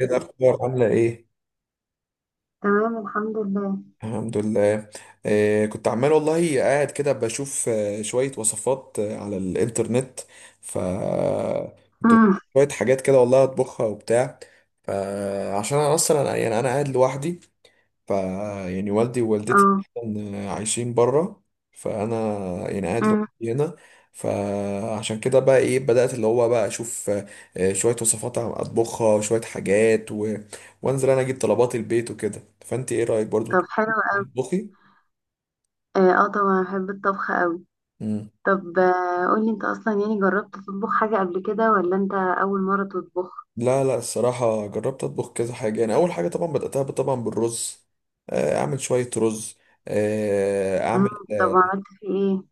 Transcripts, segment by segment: ايه الاخبار؟ عامله ايه؟ تمام، الحمد لله. الحمد لله. كنت عمال والله قاعد كده بشوف شويه وصفات على الانترنت. ف كنت بشوف امم شويه حاجات كده والله اطبخها وبتاع. فعشان انا اصلا يعني قاعد لوحدي. ف يعني والدي ووالدتي اه عايشين بره. فانا يعني قاعد امم لوحدي هنا. فعشان كده بقى ايه، بدأت اللي هو بقى اشوف شوية وصفات، عم اطبخها شوية حاجات وانزل انا اجيب طلبات البيت وكده. فانت ايه رأيك برضو طب حلو قوي. تطبخي؟ اه، طبعا بحب الطبخ قوي. مم. طب قولي انت اصلا، يعني جربت تطبخ حاجة قبل كده ولا انت اول مرة تطبخ؟ لا لا، الصراحة جربت أطبخ كذا حاجة. يعني أول حاجة طبعا بدأتها طبعا بالرز. أعمل شوية رز. آه، امم أعمل طب عملت في ايه؟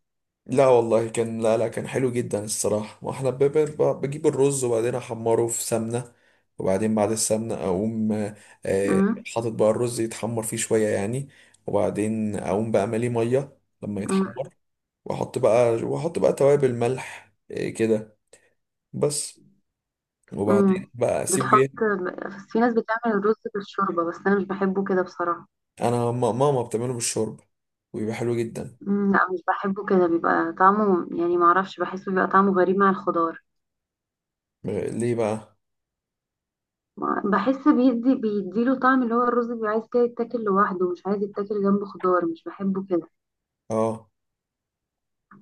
لا والله كان، لا لا كان حلو جدا الصراحة. واحنا بجيب الرز وبعدين احمره في سمنة، وبعدين بعد السمنة اقوم آه، امم حاطط بقى الرز يتحمر فيه شوية يعني. وبعدين اقوم بقى ماليه مية لما امم يتحمر، واحط بقى، واحط بقى توابل، ملح، كده بس. أمم. وبعدين بقى اسيبه بتحط، ايه. بس في ناس بتعمل الرز بالشوربة بس انا مش بحبه كده بصراحة. انا ماما بتعمله بالشوربة وبيبقى حلو جدا. أمم، لا مش بحبه كده، بيبقى طعمه، يعني معرفش، بحسه بيبقى طعمه غريب مع الخضار. ليه بقى؟ بحس بيدي، بيديله طعم، اللي هو الرز بيبقى عايز كده يتاكل لوحده، مش عايز يتاكل جنبه خضار، مش بحبه كده. اه.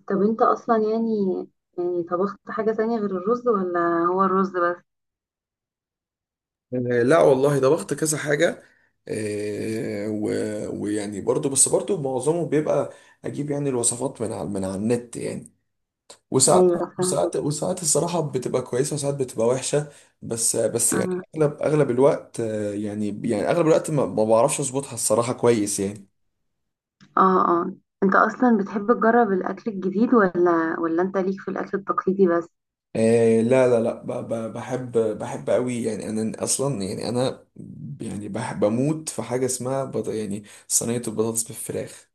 طب انت اصلا يعني، طبخت حاجة تانية غير الرز ولا هو الرز بس؟ آه، لا والله، ده ضغط كذا حاجة. ويعني برضو، بس برضو معظمه بيبقى أجيب يعني الوصفات من على، من على النت يعني. وساعات ايوه، فاهمة. وساعات الصراحة بتبقى كويسة، وساعات بتبقى وحشة. بس بس يعني اه. أغلب الوقت، يعني، يعني أغلب الوقت ما بعرفش أظبطها الصراحة كويس يعني. اه. آه. انت اصلا بتحب تجرب الاكل الجديد ولا انت ليك في الاكل التقليدي بس؟ لا لا لا، بحب، بحب قوي يعني. انا اصلا يعني انا يعني بحب اموت في حاجه اسمها يعني صينيه البطاطس بالفراخ.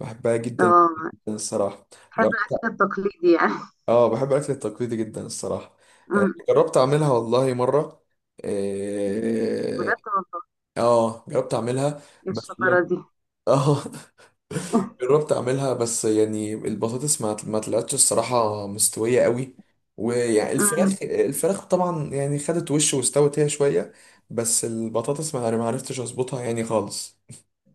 بحبها جدا اه، الصراحة. بتحب الاكل جربت. التقليدي يعني. اه، بحب الأكل التقليدي جدا الصراحة. أمم. جربت أعملها والله مرة. اه. بجد والله؟ جربت أعملها ايه بس الشطارة يعني. دي! اه جربت أعملها، بس يعني البطاطس ما طلعتش الصراحة مستوية قوي. ويعني أمم. الفراخ طبعا يعني خدت وش واستوت هي شوية. بس البطاطس ما عرفتش أظبطها يعني خالص.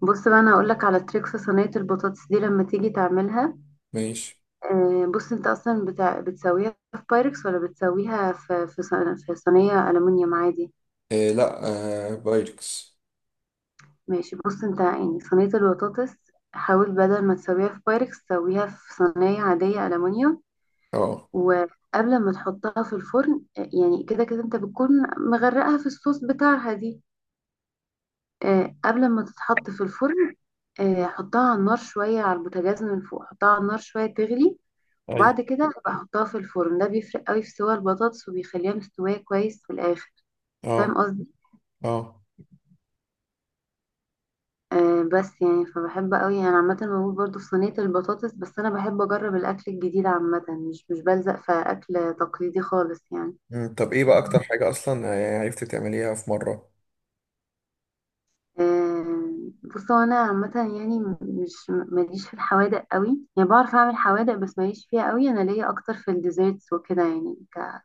بص بقى، انا هقول لك على تريكس صينية البطاطس دي لما تيجي تعملها. ماشي. بص، انت اصلا بتاع، بتسويها في بايركس ولا بتسويها في في صينيه الومنيوم عادي؟ لا، بايركس. ماشي، بص، انت يعني صينيه البطاطس، حاول بدل ما تسويها في بايركس تسويها في صينيه عاديه الومنيوم. اه. وقبل ما تحطها في الفرن، يعني كده كده انت بتكون مغرقها في الصوص بتاعها دي، قبل ما تتحط في الفرن، حطها على النار شويه على البوتاجاز من فوق، حطها على النار شويه تغلي، ايوه. وبعد كده بحطها في الفرن. ده بيفرق قوي في سوى البطاطس وبيخليها مستوية كويس في الآخر. اه. فاهم قصدي؟ اه. بس يعني، فبحب قوي انا عامة، بموت برضو في صينية البطاطس، بس انا بحب اجرب الاكل الجديد عامة، مش بلزق في اكل تقليدي خالص يعني. مم. طب ايه بقى اكتر حاجة اصلا عرفتي تعمليها في مرة؟ آه بص، هو انا عامة يعني مش ماليش في الحوادق قوي، يعني بعرف اعمل حوادق بس ماليش فيها قوي، انا ليا اكتر في الديزيرتس وكده يعني،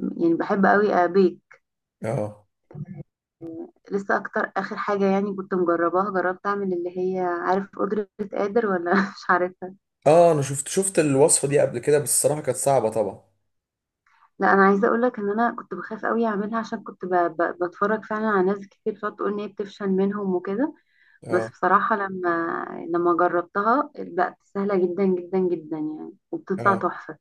يعني بحب قوي ابيك. اه. لسه اكتر اخر حاجه يعني كنت مجرباها، جربت اعمل اللي هي، عارف قدره قادر ولا مش عارفها؟ اه، انا شفت الوصفة دي قبل كده، بس الصراحة كانت صعبة طبعا. لا، انا عايزه اقول لك ان انا كنت بخاف قوي اعملها، عشان كنت بتفرج فعلا على ناس كتير فتقول ان هي بتفشل منهم وكده. بس اه. بصراحه لما جربتها، بقت سهله جدا جدا جدا يعني، وبتطلع اه. تحفه.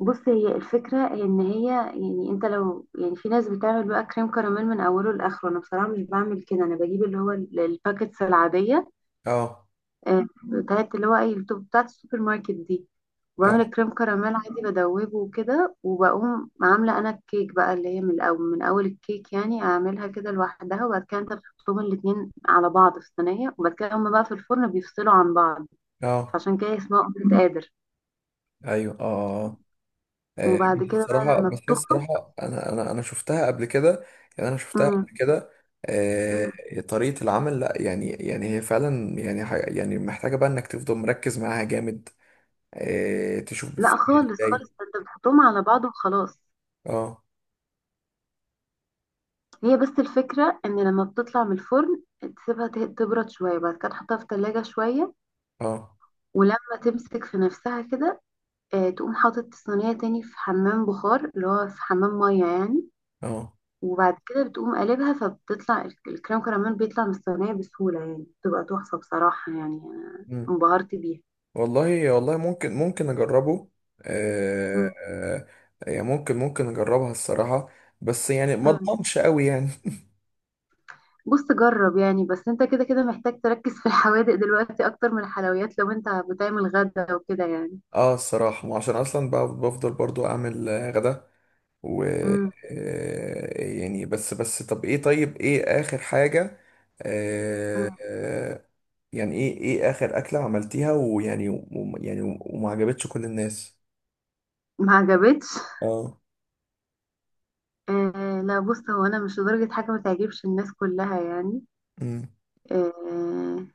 بص، هي الفكره ان هي، يعني انت لو، يعني في ناس بتعمل بقى كريم كراميل من اوله لاخره، انا بصراحه مش بعمل كده. انا بجيب اللي هو الباكتس العاديه، اه. بتاعت اللي هو ايه، التوب بتاعت السوبر ماركت دي، وبعمل اه. الكريم كراميل عادي بدوبه وكده، وبقوم عاملة انا الكيك بقى، اللي هي من الاول، من اول الكيك يعني اعملها كده لوحدها، وبعد كده انت بتحطهم الاتنين على بعض في صينية، وبعد كده هما بقى في الفرن بيفصلوا عن بعض، اه. فعشان كده اسمها اومليت قادر. ايوه. اه. اه. بس وبعد كده بقى الصراحة، لما بس هي بتخرج، الصراحة انا شفتها قبل كده. يعني انا شفتها مم. قبل كده. مم. آه، طريقة العمل. لا يعني، يعني هي فعلا يعني، يعني محتاجة بقى انك تفضل مركز معاها جامد. آه، تشوف لا بتتعمل خالص ازاي. خالص، ده انت بتحطهم على بعض وخلاص. اه. هي بس الفكرة ان لما بتطلع من الفرن، تسيبها تبرد شوية، بعد كده تحطها في التلاجة شوية، اه. ولما تمسك في نفسها كده، تقوم حاطط الصينية تاني في حمام بخار، اللي هو في حمام مية يعني، اه. وبعد كده بتقوم قلبها، فبتطلع الكريم كراميل بيطلع من الصينية بسهولة، يعني بتبقى تحفة بصراحة، يعني أنا انبهرت بيها. والله، والله ممكن، ممكن اجربه. آه، مم. آه، يعني ممكن، ممكن اجربها الصراحة. بس يعني ما مم. اضمنش قوي يعني. بص، جرب يعني، بس انت كده كده محتاج تركز في الحوادق دلوقتي أكتر من الحلويات، لو انت بتعمل غدا وكده يعني. اه الصراحة، ما عشان اصلا بقى بفضل برضو اعمل غدا. و مم. يعني، بس بس، طب ايه، طيب ايه اخر حاجة. آه، مم. آه، يعني ايه، ايه اخر اكلة عملتيها ويعني، يعني وما عجبتش كل الناس؟ ما عجبتش؟ اه. آه لا، بص، هو أنا مش لدرجة حاجة ما تعجبش الناس كلها يعني. امم. آه.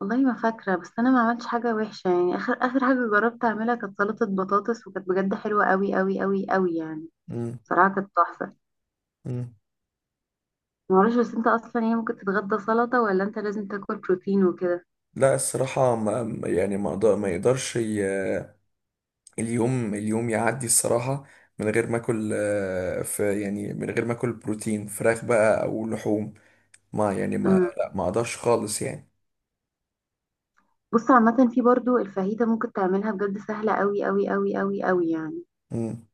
والله ما فاكرة، بس أنا ما عملتش حاجة وحشة يعني، آخر آخر حاجة جربت أعملها كانت سلطة بطاطس، وكانت بجد حلوة أوي أوي أوي أوي يعني، امم. بصراحة كانت تحفة. امم. معرفش بس، أنت أصلا يعني ممكن تتغدى سلطة ولا أنت لازم تاكل بروتين وكده؟ لا الصراحة، يعني ما يقدرش اليوم، اليوم يعدي الصراحة من غير ما اكل في يعني، من غير ما اكل بروتين، فراخ بقى او لحوم. ما يعني ما امم لا ما اقدرش خالص يعني. بص عامة، في برضو الفاهيتة ممكن تعملها، بجد سهلة أوي أوي أوي أوي أوي يعني. مم.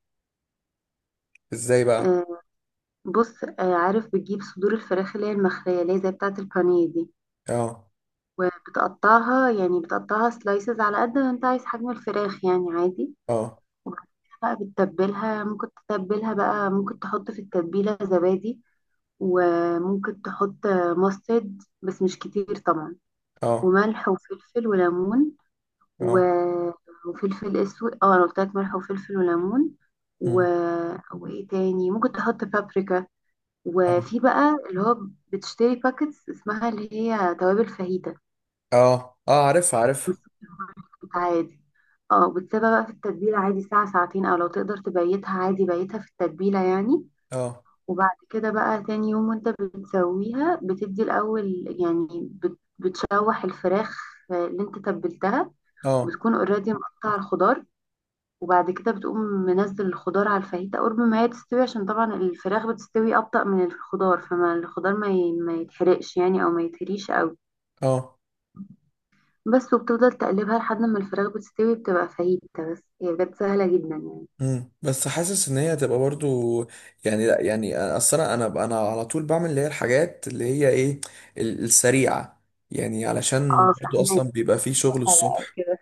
ازاي بقى؟ آه. بص، عارف بتجيب صدور الفراخ، اللي هي المخلية، اللي هي زي بتاعة البانيه دي، اه. وبتقطعها، يعني بتقطعها سلايسز على قد ما أنت عايز حجم الفراخ يعني عادي، اه. بقى بتتبلها، ممكن تتبلها بقى، ممكن تحط في التتبيلة زبادي، وممكن تحط ماسترد بس مش كتير طبعا، اه. وملح وفلفل وليمون، و... اه. وفلفل اسود، اه انا قلت لك ملح وفلفل وليمون، و... مم. وايه تاني، ممكن تحط بابريكا، اه. وفي بقى اللي هو، بتشتري باكتس اسمها اللي هي توابل فاهيتا، اه. اه عارفها مش عارفها. عادي. اه، بتسيبها بقى في التتبيلة عادي ساعة ساعتين، او لو تقدر تبيتها عادي بيتها في التتبيلة يعني، اه. وبعد كده بقى تاني يوم وانت بتسويها، بتدي الأول يعني بتشوح الفراخ اللي انت تبلتها، اه. وتكون اوريدي مقطع الخضار، وبعد كده بتقوم منزل الخضار على الفاهيتا قرب ما هي تستوي، عشان طبعا الفراخ بتستوي أبطأ من الخضار، فما الخضار ما يتحرقش يعني، أو ما يتهريش أوي. اه. بس، وبتفضل تقلبها لحد ما الفراخ بتستوي، بتبقى فاهيتا، بس هي بجد سهلة جدا يعني. مم. بس حاسس ان هي هتبقى برضو يعني. لا يعني، اصل انا على طول بعمل اللي هي الحاجات اللي هي ايه، السريعة يعني، اه، علشان برضو اصلا فاهمك. بيبقى فيه شغل بقى الصبح. وكده.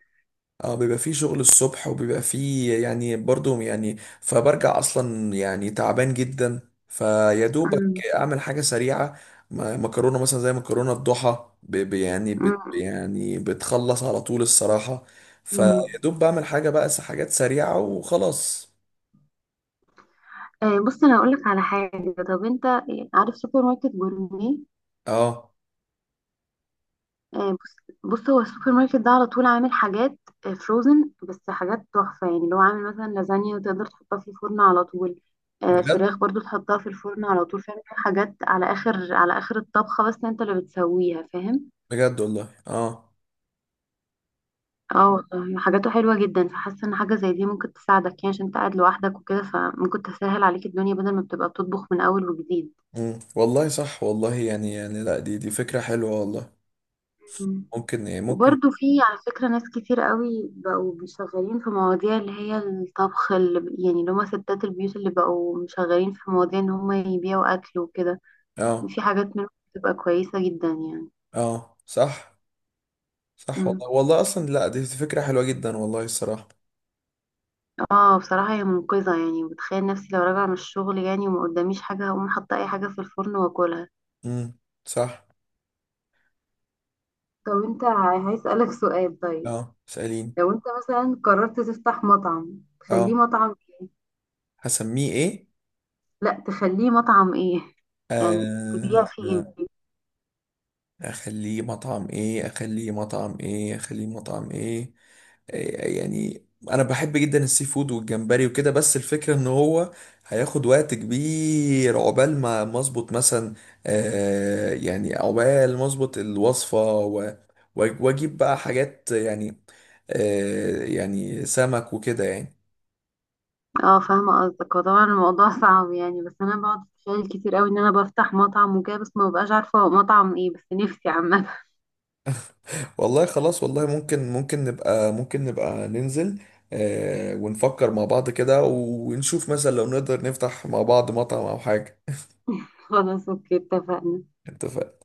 اه بيبقى فيه شغل الصبح وبيبقى فيه يعني برضو يعني، فبرجع اصلا يعني تعبان جدا، فيا دوبك أمم، اعمل حاجه سريعه. مكرونه مثلا زي مكرونه الضحى، يعني بت، أمم، يعني بتخلص على طول الصراحه. فيا أمم. دوب بعمل حاجه بقى، حاجات سريعه وخلاص. بص، انا هقول لك على حاجه. طب انت، عارف سوبر ماركت جورمي؟ اه. بص، بص، هو السوبر ماركت ده على طول عامل حاجات فروزن، بس حاجات تحفه يعني، اللي هو عامل مثلا لازانيا وتقدر تحطها في الفرن على طول، بجد؟ فراخ برضو تحطها في الفرن على طول، فاهم؟ حاجات على اخر، على اخر الطبخه، بس انت اللي بتسويها، فاهم؟ بجد والله. اه. اه والله، حاجاته حلوه جدا، فحاسه ان حاجه زي دي ممكن تساعدك يعني، عشان انت قاعد لوحدك وكده، فممكن تسهل عليك الدنيا بدل ما بتبقى بتطبخ من اول وجديد. مم. والله صح والله، يعني، يعني لا، دي فكره حلوه والله. مم. ممكن، إيه، ممكن. وبرضو في على فكرة ناس كتير قوي بقوا بيشغلين في مواضيع اللي هي الطبخ، اللي يعني اللي هما ستات البيوت اللي بقوا مشغلين في مواضيع ان هما يبيعوا اكل وكده، اه. في حاجات منهم بتبقى كويسة جدا يعني. اه. صح، صح مم. والله. والله اصلا لا، دي فكرة حلوة جدا والله الصراحة. اه بصراحة هي منقذة يعني، بتخيل نفسي لو راجعة من الشغل يعني وما قداميش حاجة، هقوم حاطة اي حاجة في الفرن واكلها. امم. صح. طب انت، هسألك سؤال. طيب، اه، سألين. لو انت مثلا قررت تفتح مطعم، تخليه اه، مطعم ايه؟ هسميه ايه؟ لا، تخليه مطعم ايه، يعني تبيع آه فيه آه، ايه؟ اخليه مطعم ايه، اخليه مطعم ايه، اخليه مطعم ايه؟ يعني انا بحب جدا السي فود والجمبري وكده. بس الفكره ان هو هياخد وقت كبير عقبال ما، ما اظبط مثلا. آه يعني، عقبال ما اظبط الوصفه واجيب بقى حاجات يعني، آه يعني سمك وكده يعني. اه فاهمة قصدك، هو طبعا الموضوع صعب يعني، بس انا بقعد اتخيل كتير قوي ان انا بفتح مطعم وكده، بس ما ببقاش عارفة هو مطعم ايه، بس نفسي عامة. والله خلاص، والله ممكن، ممكن نبقى، ممكن نبقى ننزل، آه، ونفكر مع بعض كده ونشوف مثلا لو نقدر نفتح مع بعض مطعم او حاجه. خلاص، اوكي، اتفقنا. اتفقنا.